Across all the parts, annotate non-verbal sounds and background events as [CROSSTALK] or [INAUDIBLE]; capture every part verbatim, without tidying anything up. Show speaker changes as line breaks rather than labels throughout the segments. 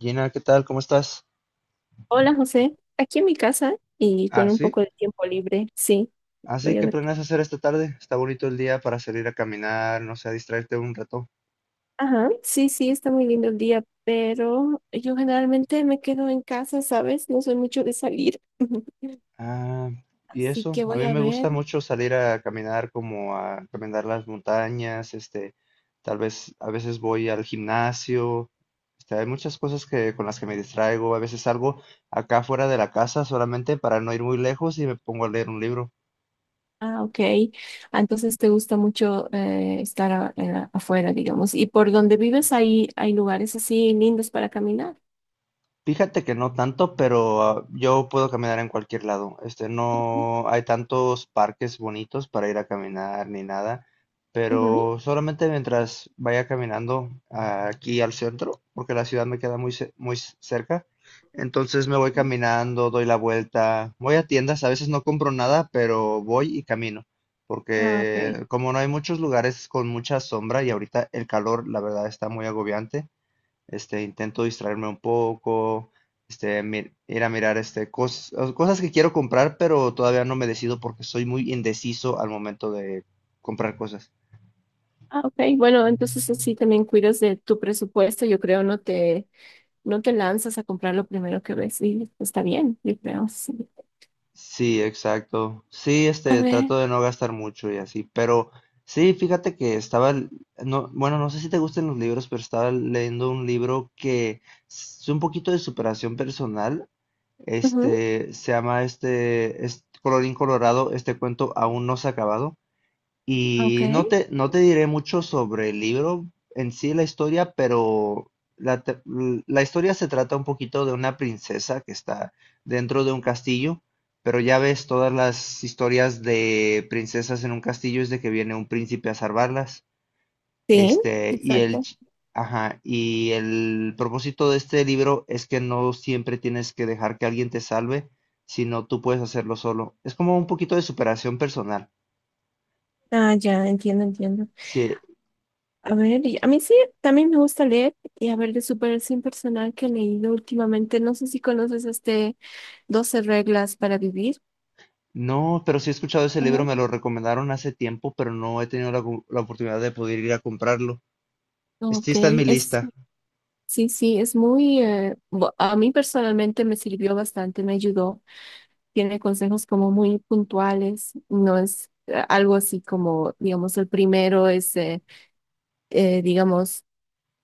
Gina, ¿qué tal? ¿Cómo estás?
Hola José, aquí en mi casa y
Ah,
con un
sí.
poco de tiempo libre, sí,
Ah, sí,
voy a
¿qué
ver qué.
planeas hacer esta tarde? Está bonito el día para salir a caminar, no sé, a distraerte un rato.
Ajá, sí, sí, está muy lindo el día, pero yo generalmente me quedo en casa, ¿sabes? No soy mucho de salir, [LAUGHS]
Ah, y
así
eso,
que
a
voy
mí
a
me
ver.
gusta mucho salir a caminar, como a caminar las montañas, este, tal vez a veces voy al gimnasio, este, hay muchas cosas que con las que me distraigo, a veces salgo acá fuera de la casa solamente para no ir muy lejos y me pongo a leer un libro.
Ah, ok. Ah, entonces te gusta mucho eh, estar a- en la- afuera, digamos. ¿Y por donde vives hay hay lugares así lindos para caminar?
Fíjate que no tanto, pero ah, yo puedo caminar en cualquier lado. Este,
Ujú,
no hay tantos parques bonitos para ir a caminar ni nada,
ujú.
pero solamente mientras vaya caminando ah, aquí al centro, porque la ciudad me queda muy, ce- muy c- cerca. Entonces me voy
Sí.
caminando, doy la vuelta, voy a tiendas, a veces no compro nada, pero voy y camino,
Ah, ok.
porque como no hay muchos lugares con mucha sombra y ahorita el calor, la verdad, está muy agobiante. este, intento distraerme un poco, este, mi- ir a mirar este, cos- cosas que quiero comprar, pero todavía no me decido porque soy muy indeciso al momento de comprar cosas.
Ah, ok. Bueno, entonces así también cuidas de tu presupuesto, yo creo, no te no te lanzas a comprar lo primero que ves y está bien, yo creo, sí.
Sí, exacto. Sí,
A
este,
ver,
trato de no gastar mucho y así, pero sí, fíjate que estaba, l- no, bueno, no sé si te gustan los libros, pero estaba leyendo un libro que es un poquito de superación personal.
ujú,
Este, se llama este, es Colorín Colorado, este cuento aún no se ha acabado.
ok,
Y no te, no te diré mucho sobre el libro en sí, la historia, pero la, te- l- la historia se trata un poquito de una princesa que está dentro de un castillo, pero ya ves, todas las historias de princesas en un castillo es de que viene un príncipe a salvarlas.
sí,
Este, y el,
exacto.
ch- ajá, y el propósito de este libro es que no siempre tienes que dejar que alguien te salve, sino tú puedes hacerlo solo. Es como un poquito de superación personal.
Ah, ya, entiendo, entiendo.
Sí.
A ver, y a mí sí, también me gusta leer y a ver de superación personal que he leído últimamente. No sé si conoces este doce reglas para vivir.
No, pero sí he escuchado ese libro,
Ajá.
me lo recomendaron hace tiempo, pero no he tenido la, gu- la oportunidad de poder ir a comprarlo. Este sí
Ok,
está en mi
es,
lista.
sí, sí, es muy, eh, bu- a mí personalmente me sirvió bastante, me ayudó. Tiene consejos como muy puntuales, no es eh, algo así como, digamos, el primero es, eh, eh, digamos,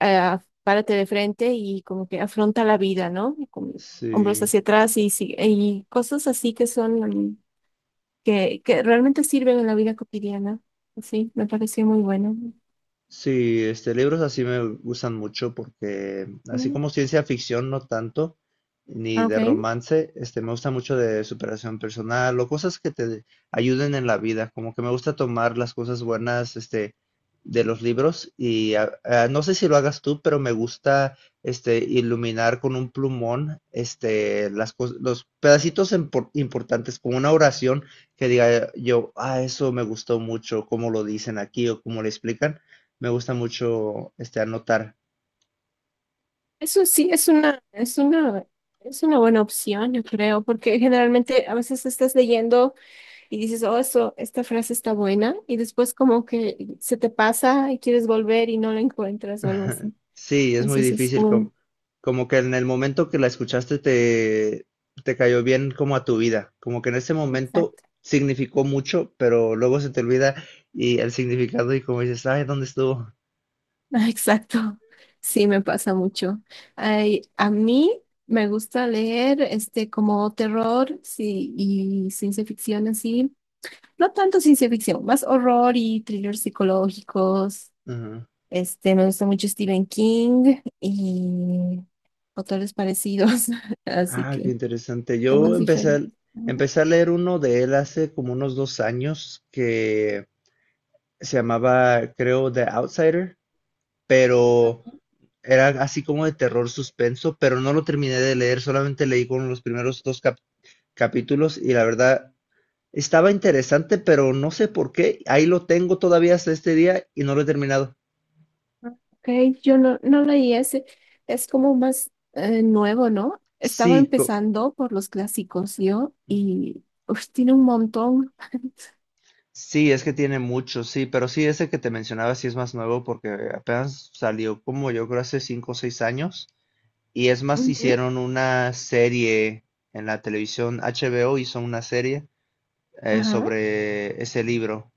eh, párate de frente y como que afronta la vida, ¿no? Y con hombros
Sí.
hacia atrás y, sigue- y cosas así que son, mm, que, que realmente sirven en la vida cotidiana. Sí, me pareció muy bueno.
Sí, este, libros así me gustan mucho porque, así
Mm,
como ciencia ficción, no tanto, ni
ok,
de romance, este, me gusta mucho de superación personal o cosas que te ayuden en la vida. Como que me gusta tomar las cosas buenas, este, de los libros y a- a- no sé si lo hagas tú, pero me gusta, este, iluminar con un plumón, este, las cos- los pedacitos empor- importantes, como una oración que diga yo, ah, eso me gustó mucho, cómo lo dicen aquí o cómo lo explican. Me gusta mucho este anotar.
eso sí, es una, es una, es una buena opción, yo creo, porque generalmente a veces estás leyendo. Y dices, oh, eso, esta frase está buena, y después como que se te pasa y quieres volver y no la encuentras o algo así.
[LAUGHS] Sí, es muy
Entonces es
difícil,
un...
como, como que en el momento que la escuchaste te, te cayó bien como a tu vida, como que en ese momento
Exacto.
significó mucho, pero luego se te olvida y el significado y como dices, ay, ¿dónde estuvo?
[LAUGHS] Ah, exacto. Sí, me pasa mucho. Ay, a mí me gusta leer este como terror sí, y ciencia ficción así. No tanto ciencia ficción, más horror y thrillers psicológicos.
Ajá.
Este, me gusta mucho Stephen King y autores parecidos, [LAUGHS] así
Ah, qué
que
interesante. Yo
temas
empecé, a-
diferentes.
empecé a leer uno de él hace como unos dos años que se llamaba, creo, The Outsider, pero era así como de terror suspenso, pero no lo terminé de leer, solamente leí con los primeros dos cap- capítulos y la verdad estaba interesante, pero no sé por qué, ahí lo tengo todavía hasta este día y no lo he terminado.
Ok, yo no, no leí ese. Es como más eh, nuevo, ¿no? Estaba
Sí, co-
empezando por los clásicos yo y uf, tiene un montón. [LAUGHS]
sí, es que tiene mucho, sí, pero sí, ese que te mencionaba sí es más nuevo porque apenas salió como yo creo hace cinco o seis años y es más,
Ujú,
hicieron una serie en la televisión, H B O hizo una serie eh,
ajá,
sobre ese libro.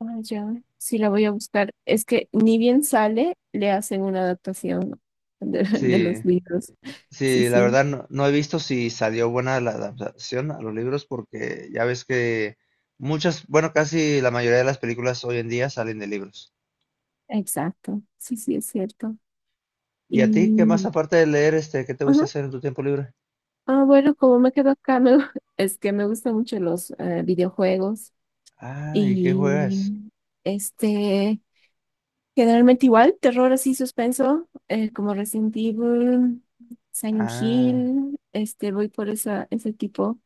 ah, ya, sí la voy a buscar. Es que ni bien sale, le hacen una adaptación de, [LAUGHS] de
Sí,
los libros. Sí,
sí, la
sí,
verdad no, no he visto si salió buena la adaptación a los libros porque ya ves que muchas, bueno, casi la mayoría de las películas hoy en día salen de libros.
exacto. Sí, sí, es cierto.
¿Y a ti qué más
Y,
aparte de leer, este, qué te gusta
ajá.
hacer en tu tiempo libre?
Ah, bueno, como me quedo acá, me- [LAUGHS] es que me gustan mucho los eh, videojuegos.
Ah, ¿y qué
Y
juegas?
este, generalmente igual, terror así suspenso, eh, como Resident Evil, Silent
Ah,
Hill, este, voy por esa, ese tipo.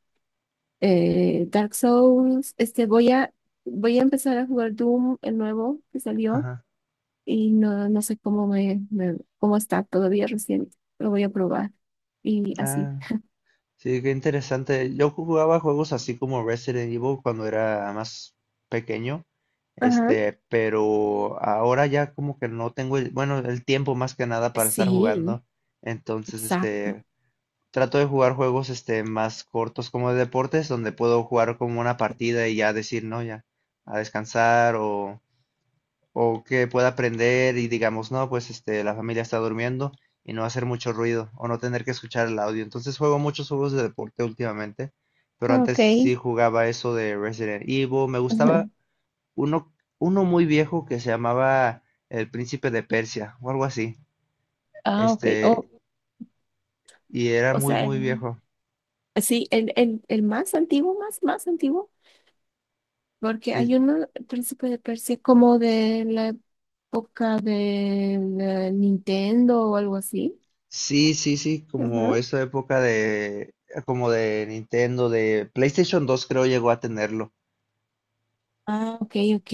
eh, Dark Souls, este, voy a, voy a empezar a jugar Doom, el nuevo que salió,
ajá,
y no, no sé cómo me, me- cómo está todavía recién, lo voy a probar. Y así.
ah. Sí, qué interesante. Yo jugaba juegos así como Resident Evil cuando era más pequeño,
Ajá.
este, pero ahora ya como que no tengo el, bueno, el tiempo más que nada para estar
Sí,
jugando. Entonces,
exacto.
este, trato de jugar juegos, este, más cortos como de deportes, donde puedo jugar como una partida y ya decir, no, ya, a descansar o o que pueda aprender y digamos, no, pues este, la familia está durmiendo y no hacer mucho ruido o no tener que escuchar el audio. Entonces juego muchos juegos de deporte últimamente, pero antes
Ok.
sí
[LAUGHS]
jugaba eso de Resident Evil. Me gustaba
Ajá.
uno, uno muy viejo que se llamaba El Príncipe de Persia o algo así.
Ah, ok.
Este,
O,
y era
o
muy,
sea.
muy viejo.
Sí, el, el, el más antiguo, más, más antiguo, porque
Es-
hay uno, el príncipe de Persia, como de la época de la Nintendo o algo así.
sí, sí, sí,
Ajá.
como esa época de, como de Nintendo, de PlayStation dos creo llegó a tenerlo.
Ah, ok, ok.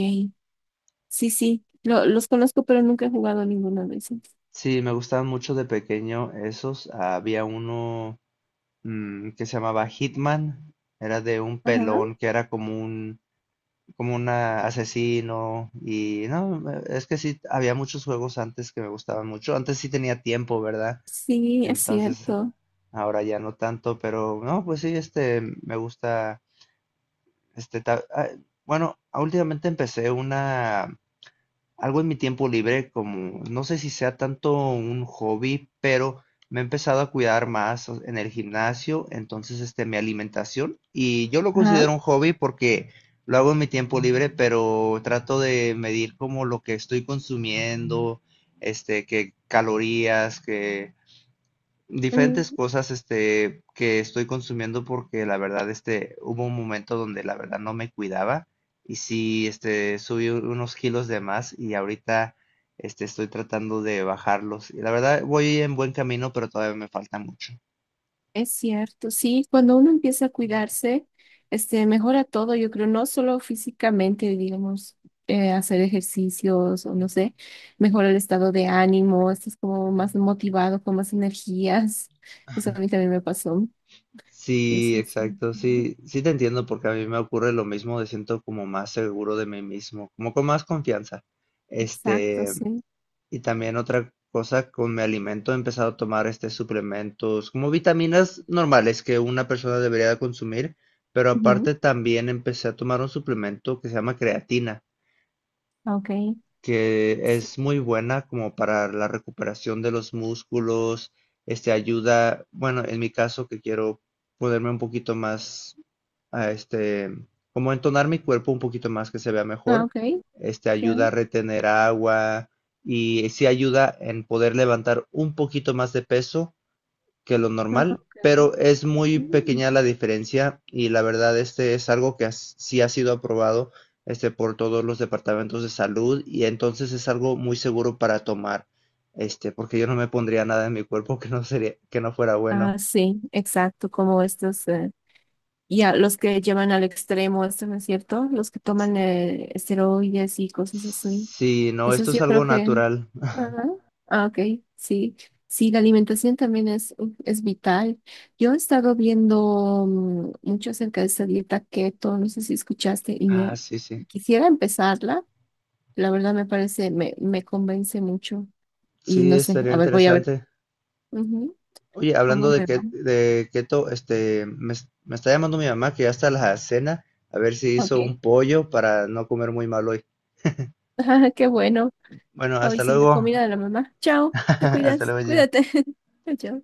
Sí, sí, lo- los conozco, pero nunca he jugado ninguno de esos.
Sí, me gustaban mucho de pequeño esos. Había uno mm, que se llamaba Hitman. Era de un
Ajá,
pelón que era como un, como un asesino. Y no, me- es que sí, había muchos juegos antes que me gustaban mucho. Antes sí tenía tiempo, ¿verdad?
sí, es
Entonces,
cierto.
ahora ya no tanto, pero no, pues sí, este, me gusta, este, ta- ah, bueno, últimamente empecé una algo en mi tiempo libre, como no sé si sea tanto un hobby, pero me he empezado a cuidar más o- en el gimnasio, entonces este, mi alimentación, y yo lo considero un hobby porque lo hago en mi tiempo libre, pero trato de medir como lo que estoy consumiendo, este, que calorías, que
Ajá.
diferentes cosas, este, que estoy consumiendo porque la verdad, este, hubo un momento donde la verdad no me cuidaba y sí, este, subí u- unos kilos de más y ahorita, este, estoy tratando de bajarlos. Y la verdad, voy en buen camino, pero todavía me falta mucho.
Es cierto, sí, cuando uno empieza a cuidarse, este, mejora todo, yo creo, no solo físicamente, digamos, eh, hacer ejercicios o no sé, mejora el estado de ánimo, estás como más motivado, con más energías. [LAUGHS] Eso a mí también me pasó.
Sí,
Entonces, sí,
exacto,
ujú,
sí, sí te entiendo porque a mí me ocurre lo mismo, me siento como más seguro de mí mismo, como con más confianza.
exacto,
Este,
sí.
Y también otra cosa con mi alimento, he empezado a tomar este suplementos como vitaminas normales que una persona debería de consumir, pero
Ujú,
aparte también empecé a tomar un suplemento que se llama creatina,
ah, ok,
que
sí.
es muy buena como para la recuperación de los músculos, este ayuda, bueno, en mi caso que quiero ponerme un poquito más a este, como entonar mi cuerpo un poquito más que se vea
Ah,
mejor.
ok,
Este
ya.
ayuda a retener agua y sí ayuda en poder levantar un poquito más de peso que lo
Ah,
normal,
ok.
pero es muy
Mm.
pequeña la diferencia y la verdad este es algo que as- sí ha sido aprobado este por todos los departamentos de salud y entonces es algo muy seguro para tomar este porque yo no me pondría nada en mi cuerpo que no sería que no fuera bueno.
Ah, sí, exacto, como estos. eh, Y a los que llevan al extremo, esto no es cierto, los que toman eh, esteroides y cosas así.
Sí, no,
Eso
esto
sí,
es
yo
algo
creo que...
natural.
Ajá. Ah, ok, sí. Sí, la alimentación también es, es vital. Yo he estado viendo mm, mucho acerca de esta dieta keto, no sé si escuchaste, y
Ah,
me
sí, sí.
quisiera empezarla. La verdad me parece, me, me convence mucho. Y
Sí,
no sé,
estaría
a ver, voy a ver.
interesante.
Ujú,
Oye,
¿cómo
hablando de,
me va?
que, de keto, este, me, es- me está llamando mi mamá que ya está la cena, a ver si hizo
Ok.
un pollo para no comer muy mal hoy.
[LAUGHS] Qué bueno.
Bueno,
Hoy
hasta
sí, la
luego.
comida de la mamá.
[LAUGHS]
Chao, te
Hasta
cuidas,
luego, Gina.
cuídate. [LAUGHS] Chao.